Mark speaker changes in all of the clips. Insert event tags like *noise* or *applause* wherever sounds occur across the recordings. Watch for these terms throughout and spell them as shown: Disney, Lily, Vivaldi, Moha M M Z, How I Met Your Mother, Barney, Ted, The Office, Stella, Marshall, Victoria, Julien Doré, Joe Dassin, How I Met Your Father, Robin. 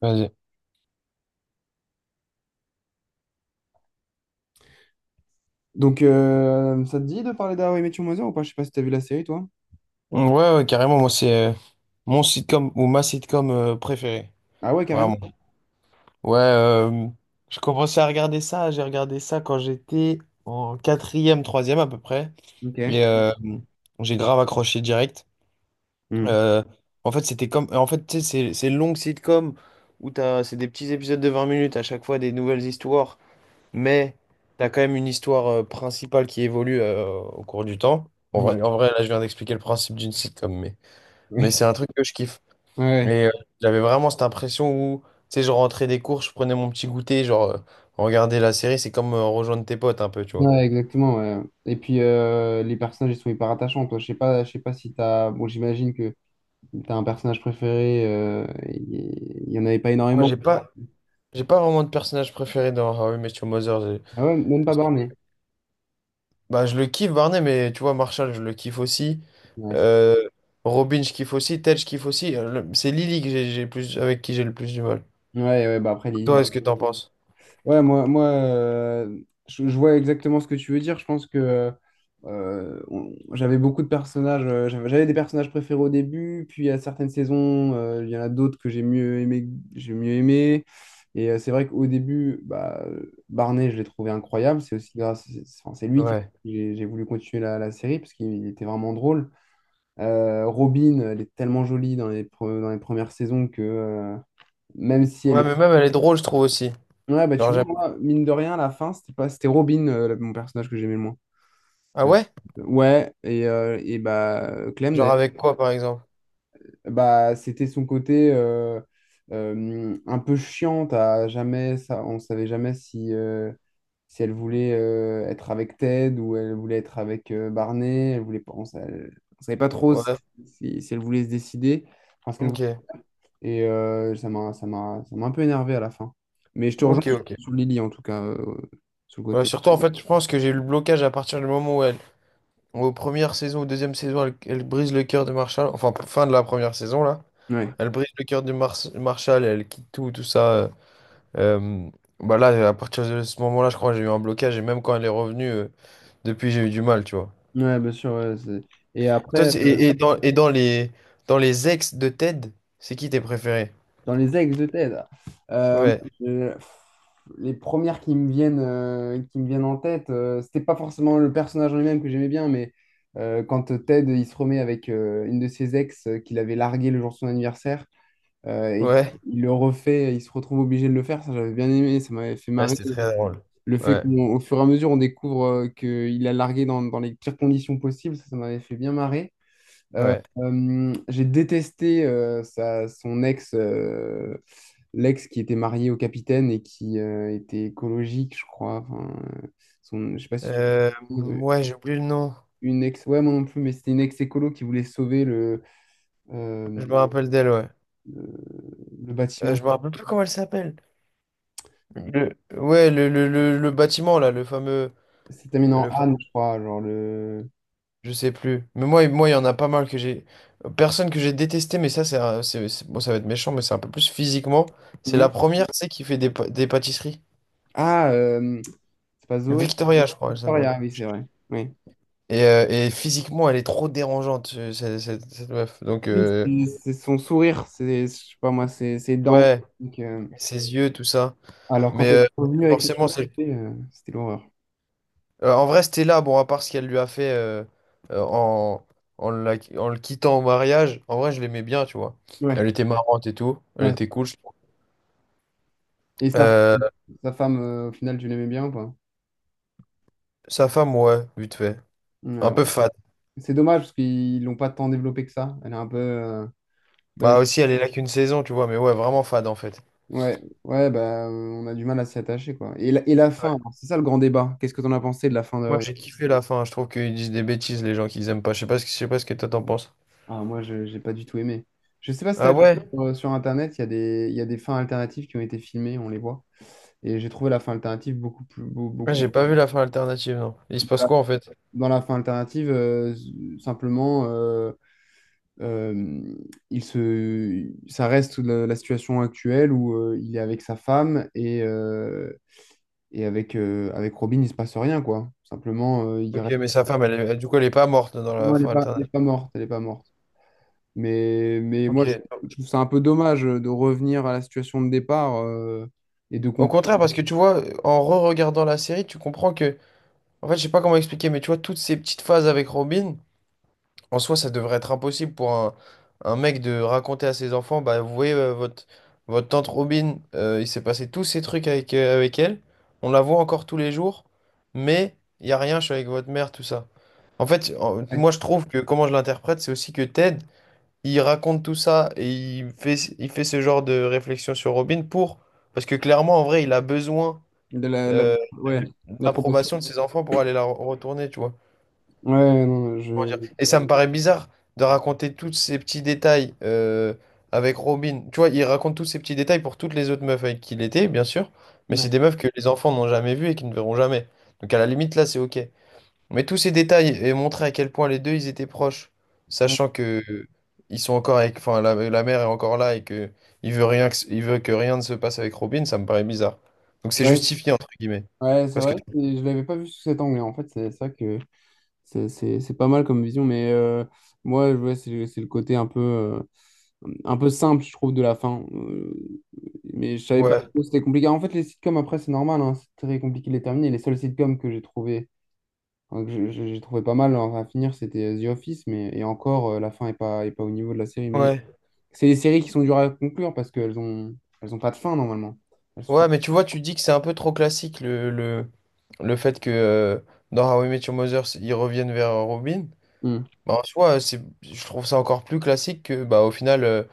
Speaker 1: Vas-y.
Speaker 2: Ça te dit de parler d'How I Met Your Mother ou pas? Je sais pas si t'as vu la série, toi.
Speaker 1: Ouais, ouais, carrément, moi, c'est mon sitcom ou ma sitcom préférée.
Speaker 2: Ah ouais, carrément.
Speaker 1: Vraiment. Ouais, je commençais à regarder ça. J'ai regardé ça quand j'étais en quatrième, troisième à peu près.
Speaker 2: Ok.
Speaker 1: Et j'ai grave accroché direct.
Speaker 2: Hmm.
Speaker 1: Euh, En fait, c'était comme. En fait, tu sais, c'est une longue sitcom où t'as, c'est des petits épisodes de 20 minutes à chaque fois, des nouvelles histoires. Mais t'as quand même une histoire principale qui évolue au cours du temps.
Speaker 2: Mhm.
Speaker 1: En vrai, là, je viens d'expliquer le principe d'une sitcom, mais.
Speaker 2: *laughs*
Speaker 1: Mais
Speaker 2: Oui.
Speaker 1: c'est un truc que je kiffe.
Speaker 2: Ouais. Ouais,
Speaker 1: Et j'avais vraiment cette impression où, tu sais, je rentrais des cours, je prenais mon petit goûter, genre, regarder la série, c'est comme rejoindre tes potes un peu, tu vois.
Speaker 2: ouais, exactement, ouais. Et puis, les personnages, ils sont hyper attachants. Toi, je sais pas si t'as... Bon, j'imagine que t'as un personnage préféré. Il y en avait pas
Speaker 1: Moi,
Speaker 2: énormément.
Speaker 1: j'ai pas vraiment de personnage préféré dans How I Met Your Mother.
Speaker 2: Ah ouais, même pas
Speaker 1: Parce
Speaker 2: Barney.
Speaker 1: que- Bah, je le kiffe, Barney, mais tu vois, Marshall, je le kiffe aussi.
Speaker 2: Ouais, c'est-
Speaker 1: Euh, Robin, je kiffe aussi. Ted, je kiffe aussi. C'est Lily que j'ai plus, avec qui j'ai le plus du mal.
Speaker 2: ouais, ouais, bah après,
Speaker 1: Toi,
Speaker 2: Lily.
Speaker 1: est-ce que t'en penses?
Speaker 2: Moi, je vois exactement ce que tu veux dire. Je pense que j'avais beaucoup de personnages. J'avais des personnages préférés au début, puis à certaines saisons, il y en a d'autres que j'ai mieux aimé, j'ai mieux aimé. Et c'est vrai qu'au début, Barney, je l'ai trouvé incroyable. C'est aussi grâce, c'est- enfin, C'est lui qui
Speaker 1: Ouais.
Speaker 2: j'ai voulu continuer la série parce qu'il était vraiment drôle. Robin, elle est tellement jolie dans dans les premières saisons que même si elle
Speaker 1: Ouais,
Speaker 2: est...
Speaker 1: mais même, elle est drôle, je trouve aussi.
Speaker 2: Ouais, bah
Speaker 1: Genre,
Speaker 2: tu vois,
Speaker 1: j'aime.
Speaker 2: moi, mine de rien, à la fin, c'était pas, c'était Robin, mon personnage que j'aimais le moins.
Speaker 1: Ah
Speaker 2: Euh,
Speaker 1: ouais?
Speaker 2: Clem,
Speaker 1: Genre,
Speaker 2: d'ailleurs,
Speaker 1: avec quoi, par exemple?
Speaker 2: bah, c'était son côté un peu chiante à jamais. Ça, on savait jamais si, si elle voulait être avec Ted ou elle voulait être avec Barney, elle voulait pas. On savait pas trop si,
Speaker 1: Ouais.
Speaker 2: si elle voulait se décider, enfin, ce qu'elle voulait.
Speaker 1: Ok.
Speaker 2: Et ça m'a un peu énervé à la fin. Mais je te rejoins
Speaker 1: Ok,
Speaker 2: sur,
Speaker 1: ok.
Speaker 2: sur Lily, en tout cas, sur le
Speaker 1: Bah,
Speaker 2: côté.
Speaker 1: surtout, en fait, je pense que j'ai eu le blocage à partir du moment où elle, aux premières saisons, aux deuxième saison, elle brise le cœur de Marshall. Enfin, fin de la première saison, là.
Speaker 2: Ouais,
Speaker 1: Elle brise le cœur de Marshall, elle quitte tout ça. Euh, Bah là, à partir de ce moment-là, je crois que j'ai eu un blocage. Et même quand elle est revenue, depuis, j'ai eu du mal, tu vois.
Speaker 2: ouais, bien sûr, ouais, c'est- et
Speaker 1: Toi,
Speaker 2: après,
Speaker 1: et dans les ex de Ted, c'est qui tes préférés?
Speaker 2: dans les ex de TED, euh,
Speaker 1: Ouais,
Speaker 2: pff, les premières qui me viennent en tête, c'était pas forcément le personnage en lui-même que j'aimais bien, mais quand Ted il se remet avec une de ses ex qu'il avait largué le jour de son anniversaire et
Speaker 1: ouais.
Speaker 2: il le refait, il se retrouve obligé de le faire. Ça j'avais bien aimé, ça m'avait fait
Speaker 1: Ouais,
Speaker 2: marrer.
Speaker 1: c'était très drôle.
Speaker 2: Le fait
Speaker 1: Ouais,
Speaker 2: qu'au fur et à mesure on découvre qu'il a largué dans les pires conditions possibles, ça m'avait fait bien marrer.
Speaker 1: ouais.
Speaker 2: J'ai détesté son ex, l'ex qui était marié au capitaine et qui était écologique, je crois. Enfin, euh, son... je sais pas si tu
Speaker 1: Euh,
Speaker 2: trouves
Speaker 1: ouais, j'ai oublié le nom.
Speaker 2: une ex, ouais, moi non plus, mais c'était une ex écolo qui voulait sauver euh,
Speaker 1: Je me rappelle d'elle, ouais.
Speaker 2: le, le bâtiment.
Speaker 1: Je me rappelle plus comment elle s'appelle. Le- ouais, le bâtiment là, le fameux,
Speaker 2: C'était terminé en
Speaker 1: le fa-
Speaker 2: Anne, je crois, genre le...
Speaker 1: je sais plus. Mais moi, il y en a pas mal que j'ai. Personne que j'ai détesté, mais ça, c'est, un- c'est- bon, ça va être méchant, mais c'est un peu plus physiquement. C'est
Speaker 2: Mhm.
Speaker 1: la première, tu sais, qui fait des pâtisseries.
Speaker 2: Ah, euh, c'est pas Zoé,
Speaker 1: Victoria, je crois, elle s'appelle.
Speaker 2: Victoria, oui, c'est vrai. Oui.
Speaker 1: Et physiquement, elle est trop dérangeante, cette meuf. Donc,
Speaker 2: Oui, c'est son sourire, c'est, je sais pas moi, c'est ses dents.
Speaker 1: ouais, ses yeux, tout ça.
Speaker 2: Alors, quand
Speaker 1: Mais
Speaker 2: elle est revenue avec les
Speaker 1: forcément, celle.
Speaker 2: cheveux, c'était l'horreur.
Speaker 1: En vrai, Stella, bon, à part ce qu'elle lui a fait euh, en, en le quittant au mariage, en vrai, je l'aimais bien, tu vois.
Speaker 2: Ouais,
Speaker 1: Elle était marrante et tout. Elle était
Speaker 2: ouais.
Speaker 1: cool, je trouve.
Speaker 2: Et
Speaker 1: Euh,
Speaker 2: sa femme, au final, tu l'aimais bien ou pas?
Speaker 1: Sa femme, ouais, vite fait.
Speaker 2: Ouais.
Speaker 1: Un peu fade.
Speaker 2: C'est dommage parce qu'ils l'ont pas tant développé que ça. Elle est un peu... bah,
Speaker 1: Bah aussi, elle est là qu'une saison, tu vois, mais ouais, vraiment fade en fait.
Speaker 2: ouais, ouais, on a du mal à s'y attacher, quoi. Et et la fin, alors, c'est ça le grand débat. Qu'est-ce que t'en as pensé de la fin
Speaker 1: Moi,
Speaker 2: d'Hawaii?
Speaker 1: j'ai kiffé la fin. Je trouve qu'ils disent des bêtises, les gens qu'ils aiment pas. Je sais pas ce que toi t'en penses.
Speaker 2: Ah, moi, je j'ai pas du tout aimé. Je sais pas si t'as
Speaker 1: Ah
Speaker 2: vu
Speaker 1: ouais?
Speaker 2: sur Internet, il y a des fins alternatives qui ont été filmées, on les voit. Et j'ai trouvé la fin alternative beaucoup plus... beau- Beaucoup,
Speaker 1: Ouais, j'ai pas vu la fin alternative, non. Il se
Speaker 2: Dans
Speaker 1: passe
Speaker 2: la
Speaker 1: quoi en fait?
Speaker 2: dans la fin alternative, simplement. euh, Euh, ça reste la situation actuelle où il est avec sa femme et, avec Robin, il se passe rien, quoi. Simplement, il
Speaker 1: Ok,
Speaker 2: reste...
Speaker 1: mais sa femme, du coup, elle est pas morte dans la
Speaker 2: Non,
Speaker 1: fin
Speaker 2: elle est
Speaker 1: alternative.
Speaker 2: pas morte, elle est pas morte. Mais, mais moi,
Speaker 1: Ok.
Speaker 2: je, je trouve ça un peu dommage de revenir à la situation de départ et de
Speaker 1: Au
Speaker 2: comprendre
Speaker 1: contraire, parce que tu vois, en re-regardant la série, tu comprends que en fait, je sais pas comment expliquer, mais tu vois, toutes ces petites phases avec Robin, en soi, ça devrait être impossible pour un mec de raconter à ses enfants, bah, vous voyez, votre tante Robin, il s'est passé tous ces trucs avec elle, on la voit encore tous les jours, mais il y a rien, je suis avec votre mère, tout ça. En fait, moi, je trouve que comment je l'interprète, c'est aussi que Ted, il raconte tout ça et il fait ce genre de réflexion sur Robin parce que clairement, en vrai, il a besoin, euh,
Speaker 2: ouais,
Speaker 1: de
Speaker 2: la proportion.
Speaker 1: l'approbation de ses enfants pour aller la retourner, tu vois.
Speaker 2: Ouais, non, je...
Speaker 1: Comment dire. Et ça me paraît bizarre de raconter tous ces petits détails avec Robin. Tu vois, il raconte tous ces petits détails pour toutes les autres meufs avec qui il était, bien sûr. Mais
Speaker 2: Ouais,
Speaker 1: c'est des meufs que les enfants n'ont jamais vues et qui ne verront jamais. Donc à la limite, là, c'est OK. Mais tous ces détails et montrer à quel point les deux, ils étaient proches,
Speaker 2: ouais.
Speaker 1: sachant que ils sont encore avec, enfin, la mère est encore là et que il veut que rien ne se passe avec Robin, ça me paraît bizarre. Donc c'est
Speaker 2: Ouais,
Speaker 1: justifié entre guillemets.
Speaker 2: ouais, c'est
Speaker 1: Parce que
Speaker 2: vrai, et je l'avais pas vu sous cet angle, hein. En fait, c'est ça que... C'est pas mal comme vision, mais ouais, c'est le côté un peu simple, je trouve, de la fin. Mais je savais pas
Speaker 1: ouais,
Speaker 2: trop, c'était compliqué. En fait, les sitcoms, après, c'est normal, hein, c'est très compliqué de les terminer. Les seuls sitcoms que j'ai trouvé, j'ai trouvé pas mal, hein, à finir, c'était The Office, mais et encore, la fin est pas au niveau de la série. Mais
Speaker 1: ouais.
Speaker 2: c'est des séries qui sont dures à conclure parce elles ont pas de fin, normalement. Elles sont...
Speaker 1: Ouais, mais tu vois, tu dis que c'est un peu trop classique le fait que dans How I Met Your Mother, ils reviennent vers Robin.
Speaker 2: Hmm.
Speaker 1: Bah, en soi, je trouve ça encore plus classique que, bah, au final,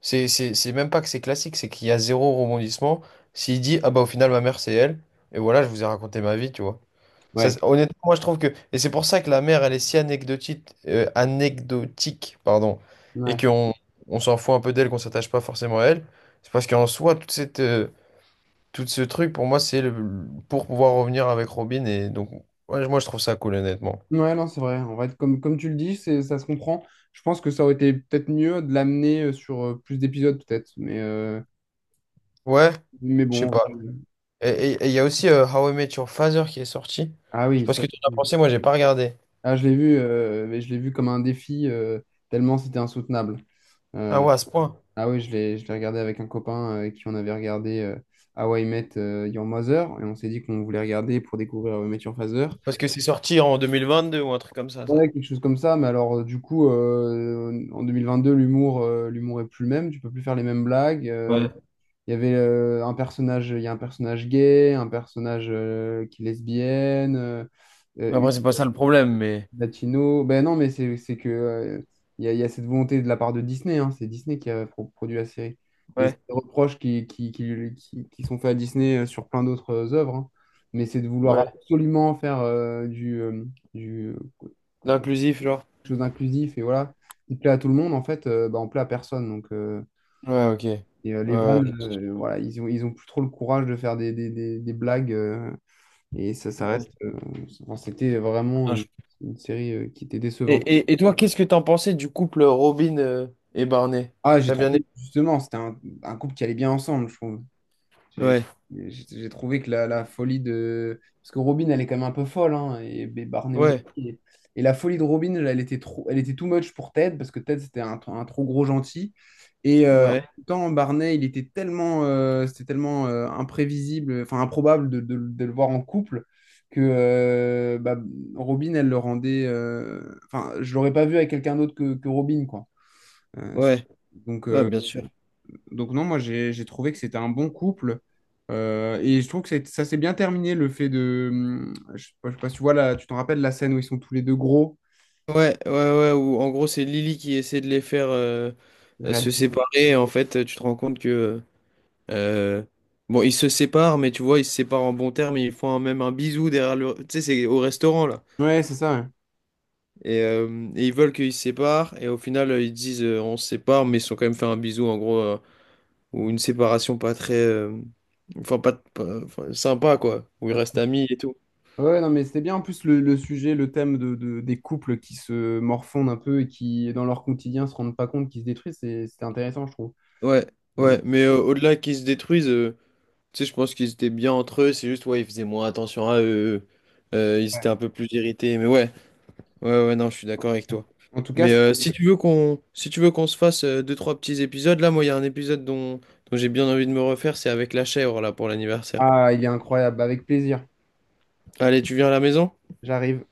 Speaker 1: c'est même pas que c'est classique, c'est qu'il y a zéro rebondissement. S'il dit, ah bah, au final, ma mère, c'est elle, et voilà, je vous ai raconté ma vie, tu vois. Ça,
Speaker 2: Ouais.
Speaker 1: honnêtement, moi, je trouve que. Et c'est pour ça que la mère, elle est si anecdotique, pardon, et
Speaker 2: Ouais.
Speaker 1: qu'on s'en fout un peu d'elle, qu'on s'attache pas forcément à elle. C'est parce qu'en soi, toute cette. Tout ce truc, pour moi, c'est le... pour pouvoir revenir avec Robin. Et donc, ouais, moi, je trouve ça cool, honnêtement.
Speaker 2: Ouais, non, c'est vrai. En vrai, comme tu le dis, c'est, ça se comprend. Je pense que ça aurait été peut-être mieux de l'amener sur plus d'épisodes, peut-être. Mais, euh,
Speaker 1: Ouais,
Speaker 2: mais
Speaker 1: je sais
Speaker 2: bon, en
Speaker 1: pas.
Speaker 2: vrai, euh...
Speaker 1: Et il y a aussi How I Met Your Father qui est sorti.
Speaker 2: Ah
Speaker 1: Je sais
Speaker 2: oui,
Speaker 1: pas ce
Speaker 2: ça-
Speaker 1: que tu en as pensé, moi, j'ai pas regardé.
Speaker 2: ah, je l'ai vu, mais je l'ai vu comme un défi, tellement c'était insoutenable.
Speaker 1: Ah
Speaker 2: Euh,
Speaker 1: ouais, à ce point.
Speaker 2: ah oui, je l'ai regardé avec un copain avec qui on avait regardé How I Met Your Mother, et on s'est dit qu'on voulait regarder pour découvrir How I Met Your Father.
Speaker 1: Parce que c'est sorti en 2022 ou un truc comme ça.
Speaker 2: Ouais, quelque chose comme ça, mais alors en 2022, l'humour est plus le même, tu peux plus faire les mêmes blagues.
Speaker 1: Ouais.
Speaker 2: Il y avait un personnage, il y a un personnage gay, un personnage qui est lesbienne,
Speaker 1: Mais
Speaker 2: une
Speaker 1: après, c'est pas ça le problème, mais.
Speaker 2: latino. Ben non, mais c'est que il y a cette volonté de la part de Disney, hein. C'est Disney qui a produit la série. Et c'est
Speaker 1: Ouais,
Speaker 2: des reproches qui sont faits à Disney sur plein d'autres œuvres, hein. Mais c'est de vouloir
Speaker 1: ouais.
Speaker 2: absolument faire du quelque
Speaker 1: L'inclusif, genre.
Speaker 2: chose d'inclusif et voilà, qui plaît à tout le monde, en fait, ben, on plaît à personne. Donc, euh,
Speaker 1: Ouais, ok.
Speaker 2: et euh, les
Speaker 1: Euh,
Speaker 2: vannes, voilà, ils ont plus trop le courage de faire des blagues. Et ça, ça
Speaker 1: Ouais.
Speaker 2: reste. euh, C'était vraiment
Speaker 1: Non,
Speaker 2: une série qui était
Speaker 1: Et,
Speaker 2: décevante.
Speaker 1: et, et toi, qu'est-ce que t'en pensais du couple Robin et Barney?
Speaker 2: Ah, j'ai
Speaker 1: T'as bien aimé?
Speaker 2: trouvé, justement, c'était un couple qui allait bien ensemble, je trouve. J'ai
Speaker 1: Ouais,
Speaker 2: j'ai trouvé que la folie de... parce que Robin, elle est quand même un peu folle, hein, et Barney aussi.
Speaker 1: ouais,
Speaker 2: Et la folie de Robin, elle était trop, elle était too much pour Ted, parce que Ted, c'était un trop gros gentil. Et en
Speaker 1: ouais,
Speaker 2: même temps, Barney, il était tellement imprévisible, enfin improbable de le voir en couple, que Robin, elle le rendait... Enfin, je l'aurais pas vu avec quelqu'un d'autre que Robin, quoi. Euh, c'est-
Speaker 1: ouais,
Speaker 2: donc,
Speaker 1: ouais,
Speaker 2: euh,
Speaker 1: bien sûr.
Speaker 2: donc non, moi j'ai trouvé que c'était un bon couple. Et je trouve que ça s'est bien terminé, le fait de... je sais pas si tu vois là, tu t'en rappelles la scène où ils sont tous les deux gros.
Speaker 1: Ouais, ouais, ouais, où en gros c'est Lily qui essaie de les faire se
Speaker 2: Réellement.
Speaker 1: séparer. Et en fait, tu te rends compte que euh, bon, ils se séparent, mais tu vois, ils se séparent en bon terme. Ils font même un bisou derrière tu sais, c'est au restaurant là.
Speaker 2: Ouais, c'est ça.
Speaker 1: Et ils veulent qu'ils se séparent. Et au final, ils disent on se sépare, mais ils se sont quand même fait un bisou en gros ou une séparation pas très, enfin, sympa quoi, où ils
Speaker 2: Ouais,
Speaker 1: restent amis et tout.
Speaker 2: ouais, non, mais c'était bien en plus le sujet, le thème des couples qui se morfondent un peu et qui, dans leur quotidien, se rendent pas compte qu'ils se détruisent. C'était intéressant, je trouve.
Speaker 1: Ouais,
Speaker 2: Et-
Speaker 1: ouais, mais au-delà qu'ils se détruisent. Tu sais, je pense qu'ils étaient bien entre eux, c'est juste, ouais, ils faisaient moins attention à eux. Ils étaient un peu plus irrités, mais ouais, ouais, ouais, non, je suis d'accord avec toi.
Speaker 2: En tout cas,
Speaker 1: Mais
Speaker 2: c'est...
Speaker 1: si tu veux qu'on se fasse deux, trois petits épisodes, là, moi, il y a un épisode dont j'ai bien envie de me refaire, c'est avec la chèvre, là, pour l'anniversaire.
Speaker 2: ah, il est incroyable. Avec plaisir.
Speaker 1: Allez, tu viens à la maison?
Speaker 2: J'arrive.